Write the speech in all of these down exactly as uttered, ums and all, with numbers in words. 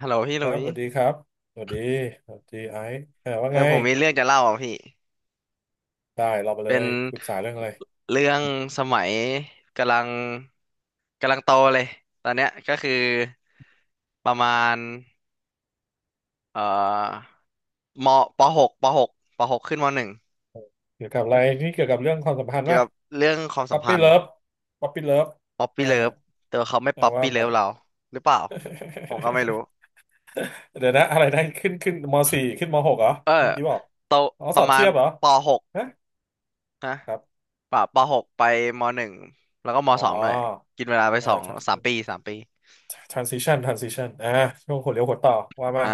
ฮัลโหลพี่คหลุรับยสวัสดีครับสวัสดีสวัสดีไอซ์เออว่าเอไงอผมมีเรื่องจะเล่าอ่ะพี่ ได้เรามาเลเป็นยปรึกษาเรื่องอะไรเรื่องสมัยกำลังกำลังโตเลยตอนเนี้ยก็คือประมาณเอ่อมปหกปหกปหกขึ้นมหนึ่งเกี่ยวกับอะไรนี่เกี่ยวกับเรื่องความสัมพันธ์เกี่ยวป่ะกับเรื่องความป๊สัอมปพัปี้นเลิธ์ฟป๊อปปี้เลิฟป๊อปเอปี้อเลิฟแต่ว่าเขาไม่เอาป๊อปว่าปี้เลิมา ฟเราหรือเปล่าผมก็ไม่รู้ เดี๋ยวนะอะไรนะขึ้นขึ้นมสี่ขึ้นมหกเหรอเออเมื่อกี้บอกโตอ๋อปสระอบมาเทีณยบเหรอปหกฮะนะครับปะปหกไปมหนึ่งแล้วก็มอ๋อสองด้วยกินเวลาไปเอสองสามปีอ สามปี transition transition อ่าช่วงหัวเลี้ยวหัวต่อว่ามาอ่า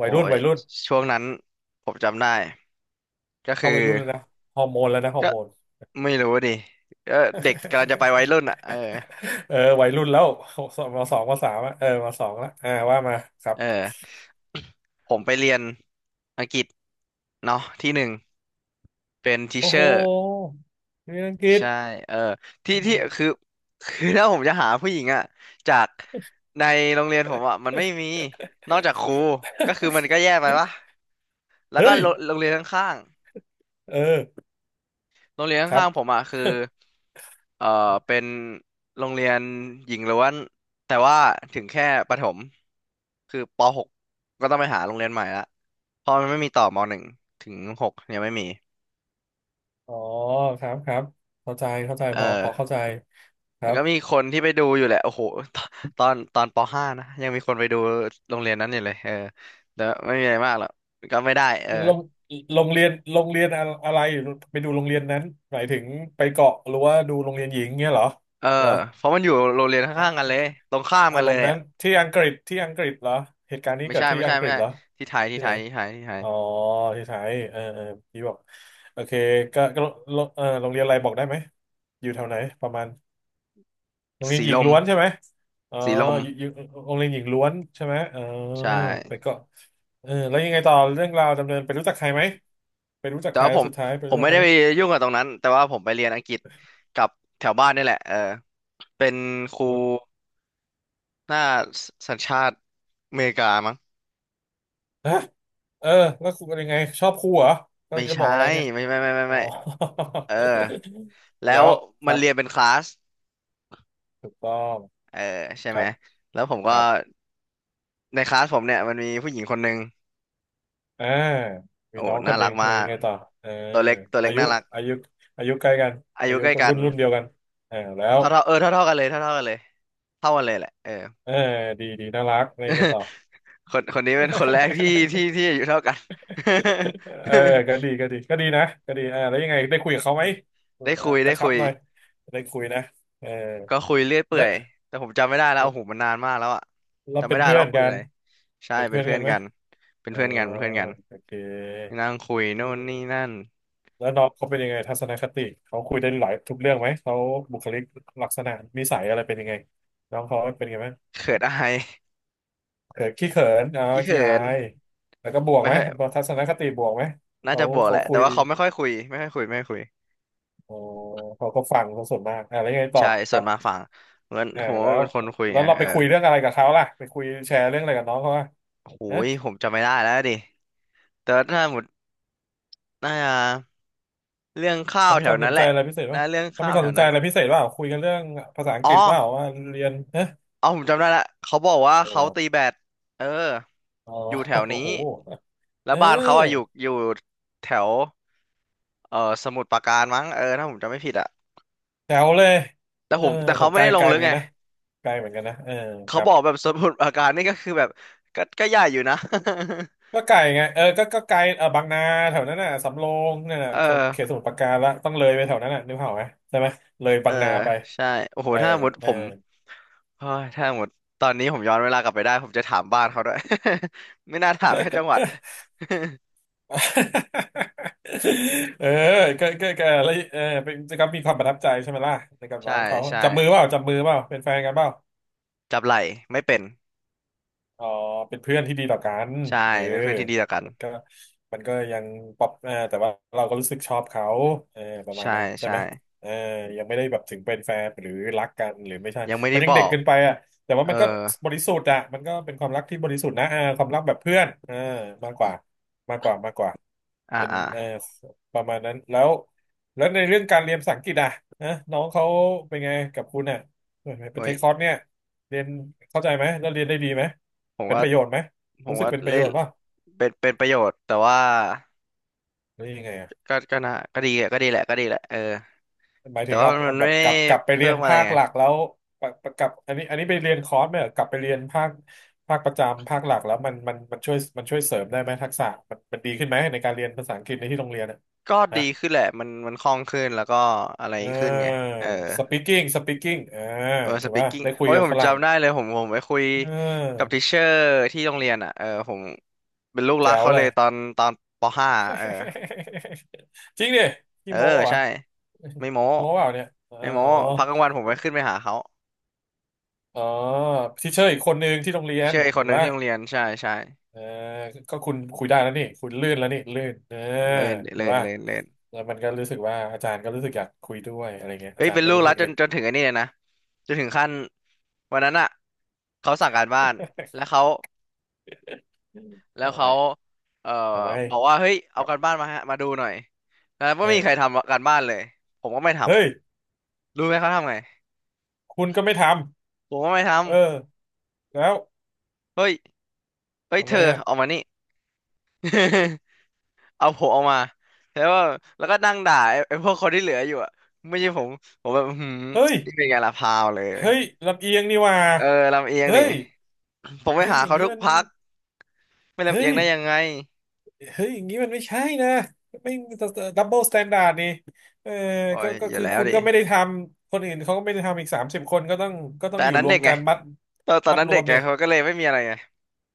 วัโอ้ยรุ่นยวัยรุ่นช่วงนั้นผมจำได้ก็คืเข้าอวัยรุ่นแล้วนะฮอร์โมนแล้วนะฮอก็ร์โมน ไม่รู้ดิก็เด็กกำลังจะไปวัยรุ่นอ่ะเออ เออวัยรุ่นแล้วมสองมสามอะเออมสองแลวอ่าว่ามาครับเออ ผมไปเรียนอังกฤษเนาะที่หนึ่งเป็นทิโอ้เชโหอร์เรียนอังกฤษ ใช่เออที่ที่คือคือถ้าผมจะหาผู้หญิงอ่ะจากในโรงเรียนผมอ่ะมันไม่มีนอกจากครูก็คือมันก็แย่ไปวะ แล้วก็เฮ้ยโรงโรงเรียนข้างๆ เออโรงเรียนครับข้างๆผมอ่ะคือเอ่อเป็นโรงเรียนหญิงล้วนแต่ว่าถึงแค่ประถมคือป .หก กก็ต้องไปหาโรงเรียนใหม่ละเพราะมันไม่มีต่อม .หนึ่ง ถึง .หก ยังไม่มีอ๋อครับครับเข้าใจเข้าใจเอพอพออเข้าใจคมัรันบก็มีคนที่ไปดูอยู่แหละโอ้โหตอนตอนป .ห้า นะยังมีคนไปดูโรงเรียนนั้นอยู่เลยเออแต่ไม่มีอะไรมากหรอกก็ไม่ได้เออโรงโรงเรียนโรงเรียนอะอะไรไปดูโรงเรียนนั้นหมายถึงไปเกาะหรือว่าดูโรงเรียนหญิงเงี้ยเหรอเออเหรอเพราะมันอยู่โรงเรียนข้างๆอะกันเลยตรงข้ามอากันรเลมยณ์นั้อะนที่อังกฤษที่อังกฤษเหรอเหตุการณ์นี้ไม่เกิดใช่ที่ไม่ใช่อังกไม่ฤษใช่เหรอที่ไทยที่ที่ไทไหน ยที่ไทยที่ไทยอ๋อที่ไทยเออเออพี่บอกโอเคก็ก็โรงเออโรงเรียนอะไรบอกได้ไหมอยู่แถวไหนประมาณโรงเรียนสีหญิลงม ล้วนใช่ไหมอ๋อสีลมอยู่อยู่โรงเรียนหญิงล้วนใช่ไหมเออใช่ไปก็เออแล้วยังไงต่อเรื่องราวดำเนินไปรู้จักใครไหมไปรู้จักแต่ใครว่าแล้ผวมสุดท้ายไปผรู้มจักไม่ใครได้ไหมไปยุ่งกับตรงนั้นแต่ว่าผมไปเรียนอังกฤษกับแถวบ้านนี่แหละเออเป็นครูหน้าสัญชาติอเมริกามั้งฮะเออแล้วคุณเป็นยังไงชอบครูเหรอกำไม่ลังจะบใช่อกอะไรเนี่ยไม่ไม่ไม่ไม่อ๋อ ไม่เออ แล้วแล้วคมันรับเรียนเป็นคลาสถูกต้องเออใช่คไหมรับแล้วผมคก็รับ ในคลาสผมเนี่ยมันมีผู้หญิงคนหนึ่งอ่ามีโอ้น้องคน่านหรันึ่กงมาเลยยักงไงต่อเออตัวเล็กตัวเล็อากยุน่ารักอายุอายุใกล้กันอาอายุยุใกล้กันรุ่นรุ่นเดียวกันเออแล้วเท่าเท่าเออเท่าเท่ากันเลยเท่าเท่ากันเลยเท่ากันเลยแหละเออ เออดีดีน่ารักเลยยังไง ต่อ คนคนนี้เป็นคนแรกที่ที่ ที่อายุเท่ากัน เออก็ดี ก็ดีก็ดีนะก็ดีอ่าแล้วยังไงได้คุยกับเขาอืไหมมเออได้เออคุยกได้ระชัคุบยหน่อยได้คุยนะเออก็คุยเรื่อยเปื่อยและแต่ผมจำไม่ได้แล้วโอ้โหมันนานมากแล้วอะเราจำไม่เป็นได้เพื่แล้อวนคุยกัอะนไรใช่เป็นเป็เพื่นอนเพื่กัอนนไหมกันเป็นเออเพื่อนกันเป็นเพื่อนกันโอเค นั่งคุยโน่นนี่นั่นแล้วน้องเขาเป็นยังไงทัศนคติเขาคุยได้หลายทุกเรื่องไหมเขาบุคลิกลักษณะนิสัยอะไรเป็นยังไงน้องเขาเป็นยังไงบ้างเขินอายเขินขี้เขินอ๋อขี้ขี้เขิอานยแล้วก็บวกไม่ไหมค่อยทัศนคติบวกไหมน่าเขาจะบวกแหเขาละคุแต่ยว่าเขาไม่ค่อยคุยไม่ค่อยคุยไม่ค่อยคุยอ๋อเขาก็ฟังเขาส่วนมากอ่ะแล้วยังไงต่อใช่คส่วรันบมาฝั่งเหมือนอ่าผมว่าแล้วเป็นคนคุยแล้ไงวเราเอไปอคุยเรื่องอะไรกับเขาล่ะไปคุยแชร์เรื่องอะไรกับน้องเขาอ่ะโอ้นะยผมจำไม่ได้แล้วดิแต่ว่าถ้าหมดน่าจะ เรื่องข้าเขาวมีแถคววามสนั้นนแหใจละอะไรพิเศษนะป่ะเรื่องเขาข้ามีวควาแถมสวนใจนั้นอะไรพิเศษป่ะคุยกันเรื่องภาษาอังอ๋กอฤษป่ะว่าเรียนนะเอาผมจำได้ละเขาบอกว่าเขาตีเราแบดเอออ๋อ อยู่ แถโอ้วนี้โหเแล้วบ้านเขาอะอยู่ออ อยู่แถวเออสมุทรปราการมั้งเออถ้าผมจำไม่ผิดอะแถวเลยแต่เออผมแต่โหเขาไม่ไกลได้ลไกงลลึเหมืกอนไงกันนะ ไกลเหมือนกันนะเออคเขารับบอกแบบสมุทรปราการนี่ก็คือแบบก็ก็ใหญ่อยู่นะ ก็ไกลไงเออก็ก็ไกลเออบางนาแถวนั้นน่ะ สำโรงนั่นน่ะ เสมุทรเขตออสมุทรปราการละต้องเลยไปแถวนั้นน่ะนึกภาพออกไหมใช่ไหม เลยเออบางนาไป ใช่โอ้โหเออ ถ้าหมดเอผอ ม เฮ้ยถ้าหมดตอนนี้ผมย้อนเวลากลับไปได้ผมจะถามบ้านเขาด้วย ไม่น่าถามแค่จังหวัด เออก็ก็ก็แล้วเออเป็นก็มีความประทับใจใช่ไหมล่ะในกับ น้ใช่องเขาใช่ จับมือเปล่าจับมือเปล่าเป็นแฟนกันเปล่า จับไหล่ไม่เป็นอ๋อเป็นเพื่อนที่ดีต่อกันใช่เออเป็นเพื่อนที่ดีต่อกันมันก็มันก็ยังปรับเอ่อแต่ว่าเราก็รู้สึกชอบเขาเออประมาณใช่นั้นใช่ใช่ไหมเออยังไม่ได้แบบถึงเป็นแฟนหรือรักกันหรือไม่ใช่ยังไม่มัได้นยับงเด็อกกเกินไปอ่ะแต่ว่าเออมันก็บริสุทธิ์อ่ะมันก็เป็นความรักที่บริสุทธิ์นะเออความรักแบบเพื่อนเออมากกว่ามากกว่ามากกว่า อ่าเป็นอ่าเออประมาณนั้นแล้วแล้วในเรื่องการเรียนภาษาอังกฤษอ่ะนะน้องเขาเป็นไงกับคุณอ่ะเปโอ้เทยคคอร์สเนี่ยเรียนเข้าใจไหมแล้วเรียนได้ดีไหมผมเป็นว่าประโยชน์ไหมผรู้มสึกว่าเป็นประเล่โยนชน์ป่ะเป็นเป็นประโยชน์แต่ว่าหรือยังไงอ่ะก็ก็นะก็ดีอะก็ดีแหละก็ดีแหละเออหมายแต่ถึงว่าเอามันมัเอานแบไม่บได้กลับกลับไปเรีเพิ่ยนมอะไรภาคไงหลักแล้วปะปะกลับอันนี้อันนี้ไปเรียนคอร์สไหมเหรอกลับไปเรียนภาคภาคประจำภาคหลักแล้วมันมันมันช่วยมันช่วยเสริมได้ไหมทักษะมันมันดีขึ้นไหมในการเรียนภาษาอังกฤษในที่โรงเรียนอ่ะก็ดีนะ ขึ้นแหละมันมันคล่องขึ้นแล้วก็อะไรเอขึ้นไงอ เออ speaking speaking เออเออสถูกปีป่ะกิ้งได้คุยโอ้ยกับผมฝรั่งจำได้เลยผมผมไปคุยเกับออทิเชอร์ที่โรงเรียนอ่ะเออผมเป็นลูกรักแจ๋วเขาเลเลยย ตอนตอนปห้าเออ จริงดิเอพี่อโม้ปะวะใช่ ไม่โม้โม้เปล่าเนี่ยเออไม่โม้อ๋อพักกลางวันผมไปขึ้นไปหาเขาอ๋อทีเชอร์อีกคนนึงที่โรงเรียนเชื่อไอ้คถูนหกนึ่งป่ะที่โรงเรียนใช่ใช่เออก็คุณคุยได้แล้วนี่คุณลื่นแล้วนี่ลื่นเออเลินถูกเลินป่ะเลินเลินแล้วมันก็รู้สึกว่าอาจารย์ก็รู้สึกอยากคุยด้วยอะไรเงี้ยเฮ้อายจารเป็นย์ก็ลูกรู้รัสึกกจเอ็นนจนถึงไอ้นี่เลยนะจนถึงขั้นวันนั้นอ่ะเขาสั่งการบ้านแล้วเขาแล้วเอาเขาไว้เอ่อเอาไว้บอกว่า เฮ้ยคเอารับการบ้านมาฮะมาดูหน่อยแล้วก็เอไม่มีใครอทำการบ้านเลย ผมก็ไม่ทเฮ้ยำรู้ไหมเขาทำไงคุณก็ไม่ทผมก็ไม่ทำเออแล้ว ำเฮ้ยเฮ้ยทำเธไมออ่ะออกมานี่ เอาผมออกมาแล้วว่าแล้วก็นั่งด่าไอ้ไอ้พวกคนที่เหลืออยู่อ่ะไม่ใช่ผมผมแบบอื้อหืมเฮ้ยนี่เป็นไงล่ะพาวเลยเฮ้ยลำเอียงนี่หว่าเออลำเอียงเฮ้นี่ยผมไปเฮ้ยหาอย่างเขานี้ทุกมันพักไม่ลำเอีเฮ้ยงยได้ยังไงเฮ้ยอย่างนี้มันไม่ใช่นะไม่ดับเบิลสแตนดาร์ดนี่เออโอ้ก็ยก็อยู่คือแล้วคุณดิก็ไม่ได้ทำ คนอื่นเขาก็ไม่ได้ทำอีกสามสิบคนก็ต้องก็ต้แต่องออันยู่นั้นรวเด็มกไงกันมัดตอนตอนมัดนั้นรเด็วกมไงเนี่ยเขาก็เลยไม่มีอะไรไง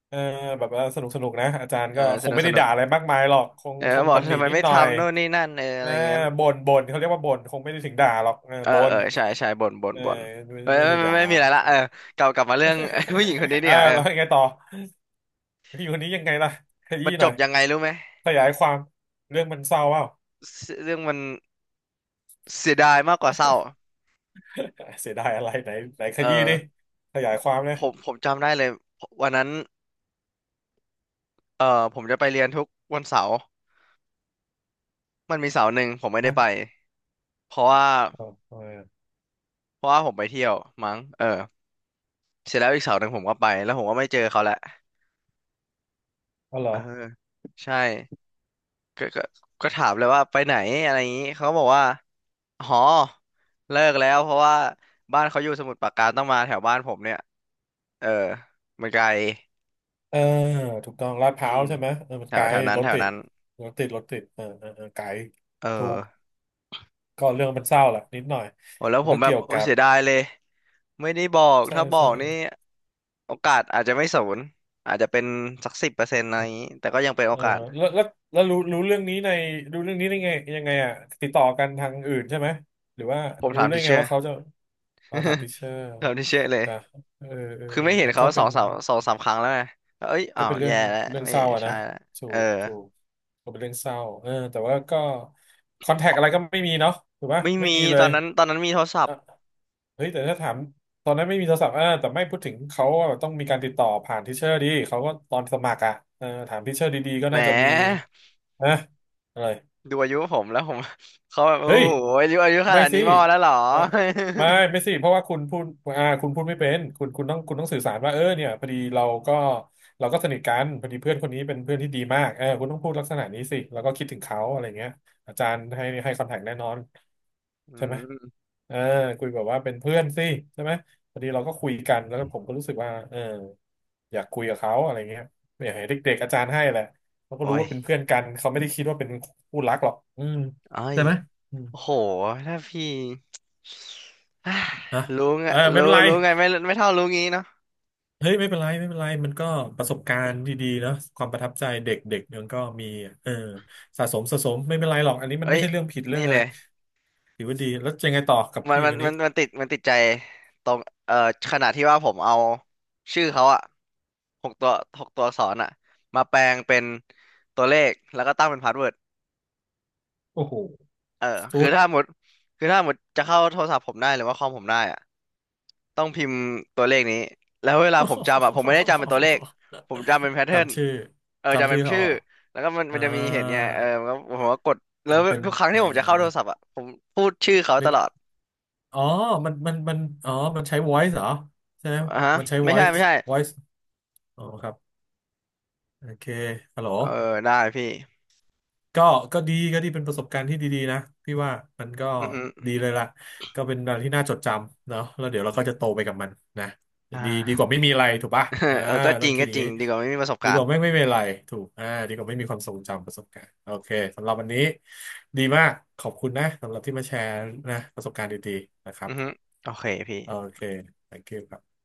เออแบบว่าสนุกสนุกนะอาจารย์เออก็คสงนุกไม่สได้นุกด่าอะไรมากมายหรอกคงเออคงบอกตำหนิทำไมนิดไม่หน่อยทำโน่นนี่นั่นเอออะไรอ่าเงี้ยบ่นบ่นเขาเรียกว่าบ่นคงไม่ได้ถึงด่าหรอกเออเออบ่เอนอใช่ใช่บ่นบ่นเออบ่นไม่เออไม่ใช่ไม่ด่า ไม่ไม่มีอะไรละเออกลับกลับมาเรื่อง ผู้หญิงคนนี้ เนี่อ่ายเออแล้วยังไงต่อผู้หญิงคนนี้ยังไงล่ะขมัยี้นจหน่อยบยังไงรู้ไหมขยายความเรื่องมันเศร้าเปล่า เสเรื่องมันเสียดายมากกว่าเศร้า เสียดายอะไรไหนไหนขเออยี้ดิขยายความเนี่ยผมผมจำได้เลยวันนั้นเออผมจะไปเรียนทุกวันเสาร์มันมีเสาร์หนึ่งผมไม่ได้ฮะไปเพราะว่าเออเออเพราะว่าผมไปเที่ยวมั้งเออเสร็จแล้วอีกเสาร์หนึ่งผมก็ไปแล้วผมก็ไม่เจอเขาแหละเอาเหรเอออใช่ก็ก็ก็ถามเลยว่าไปไหนอะไรอย่างนี้เขาก็บอกว่าหอเลิกแล้วเพราะว่าบ้านเขาอยู่สมุทรปราการต้องมาแถวบ้านผมเนี่ยเออมันไกลเออถูกต้องลาดพอืร้าวมใช่ไหมเออมัแถนไกวลแถวนั้นรถแถวติดนั้นรถติดรถติดเออเออเออไกลเออถูกก็เรื่องมันเศร้าแหละนิดหน่อยโอ้แล้วมันผมก็แบบเกี่ยวโอ้กับเสียดายเลย ไม่ได้บอก ใช่ถ้าบอใช่ กนี่โอกาสอาจจะไม่ศูนย์อาจจะเป็นสักสิบเปอร์เซ็นต์อะไรอย่างนี้แต่ก็ยังเป็นเอโออกาส แล้วแล้วแล้วรู้รู้เรื่องนี้ในรู้เรื่องนี้ได้ไงยังไงอ่ะติดต่อกันทางอื่นใช่ไหมหรือว่าผมรู้ถามได้ทีเชไงอว่าร์ เขาจะเอาถามทิเชอร์ ถามทีเชอร์เลย แต่เออเออคือเออไม่เห็นมันเขาก็สเป็องนสามสองสามครั้งแล้วไงเอ้ยก็อ้าวเป็นเรื่อแย่งแล้วเรื่องไม่เศร้าอะใช่นะแล้วถูเออกถูกก็เป็นเรื่องเศร้าเออแต่ว่าก็คอนแทคอะไรก็ไม่มีเนาะถูกปะไม่ไม่มีมีเลตอย นนั้น ตอนนั้นมีโทรศัพอ่ะท์เฮ้ยแต่ถ้าถามตอนนั้นไม่มีโทรศัพท์อ่าแต่ไม่พูดถึงเขาว่าต้องมีการติดต่อผ่านทิเชอร์ดีเขาก็ตอนสมัครอ่ะเออถามทิเชอร์ดีๆก็แหน่าจะมีมนะอะไรดูอายุผมแล้วผม เขาแบบโอ้เฮ้ยโหอายุอายุขไม่นาดนี้สิมอแล้วเหรอ เออไม่ไม่สิเพราะว่าคุณพูดอ่าคุณพูดไม่เป็นคุณคุณต้องคุณต้องสื่อสารว่าเออเนี่ยพอดีเราก็เราก็สนิทกันพอดีเพื่อนคนนี้เป็นเพื่อนที่ดีมากเออคุณต้องพูดลักษณะนี้สิแล้วก็คิดถึงเขาอะไรเงี้ยอาจารย์ให้ให้คอนแทคแน่นอน อืใช่ไหมมอ่าคุยแบบว่าเป็นเพื่อนสิใช่ไหมพอดีเราก็คุยกันแล้วก็ผมก็รู้สึกว่าเอออยากคุยกับเขาอะไรเงี้ยอยากให้เด็กๆอาจารย์ให้แหละเขาก็โอ้รู้ยว่าเป็นเพื่อนกันเขาไม่ได้คิดว่าเป็นคู่รักหรอกอืมเอ้ใช่ยไหมอืมโอ้โหถ้าพี่ อ่ะ รู้ไงเออไม่รู้เป็นไรรู้ไงไม่ไม่เท่ารู้งี้เนาะ เฮ้ยไม่เป็นไรไม่เป็นไรมันก็ประสบการณ์ดีๆเนาะความประทับใจเด็กๆมันก็มีเออสะสมสะสมไม่เป็นไรหรอกอันนี้มันเอ้ไม่ยใช่เรื่องผิดเรื่นี่องอะเลไรย ถือว่าดีแล้วยังไงต่อกับมัผู้นหญิงมันคนมันี้นมันติดมันติดใจตรงเอ่อขนาดที่ว่าผมเอาชื่อเขาอะหกตัวหกตัวอักษรอะมาแปลงเป็นตัวเลขแล้วก็ตั้งเป็นพาสเวิร์ดโอ้โหเออสุคือด ถ้าหมดคือถ้าหมดจะเข้าโทรศัพท์ผมได้หรือว่าคอมผมได้อะต้องพิมพ์ตัวเลขนี้แล้วเวลาผมจำอะผมไม่ได้จำเป็นตัวเลขผมจำ เป็นแพทเทิร์นจำชื่อเออจำจำเป็ชื่อนเขาชื่อเหรอแล้วก็มันอ่ามันจะมีเห็นไงเออมันก็ผมก็กดแล้มัวนเป็นทุกครั้งเอ่อที่ผมจะเข้าโทรศัพท์อะผมพูดชื่อเขานึตกลอดอ๋อมันมันมันอ๋อ มันใช้ voice เหรอใช่ไหมอ่ะฮะมันใช้ ไม่ใช่ voice ไม่ใช่ voice อ๋อครับโอเคฮัลโหล เออได้พี่ก็ก็ดีก็ดีเป็นประสบการณ์ที่ดีๆนะพี่ว่ามันก็อือฮึดีเลยล่ะก็เป็นอะไรที่น่าจดจำเนาะแล้วเดี๋ยวเราก็จะโตไปกับมันนะอ่า ดีดีกว่าไม่มีอะไรถูกปะอ่า เออก็จต้อริงงคิดก็อย่าจงริงนี้ดีกว่าไม่มีประสบดีกากรว่าณ์ไม่ไม่มีอะไรถูกอ่าดีกว่าไม่มีความทรงจำประสบการณ์โอเคสำหรับวันนี้ดีมากขอบคุณนะสำหรับที่มาแชร์นะประสบการณ์ดีๆนะครัอืบอฮึโอเคพี่โอเค thank you ครับ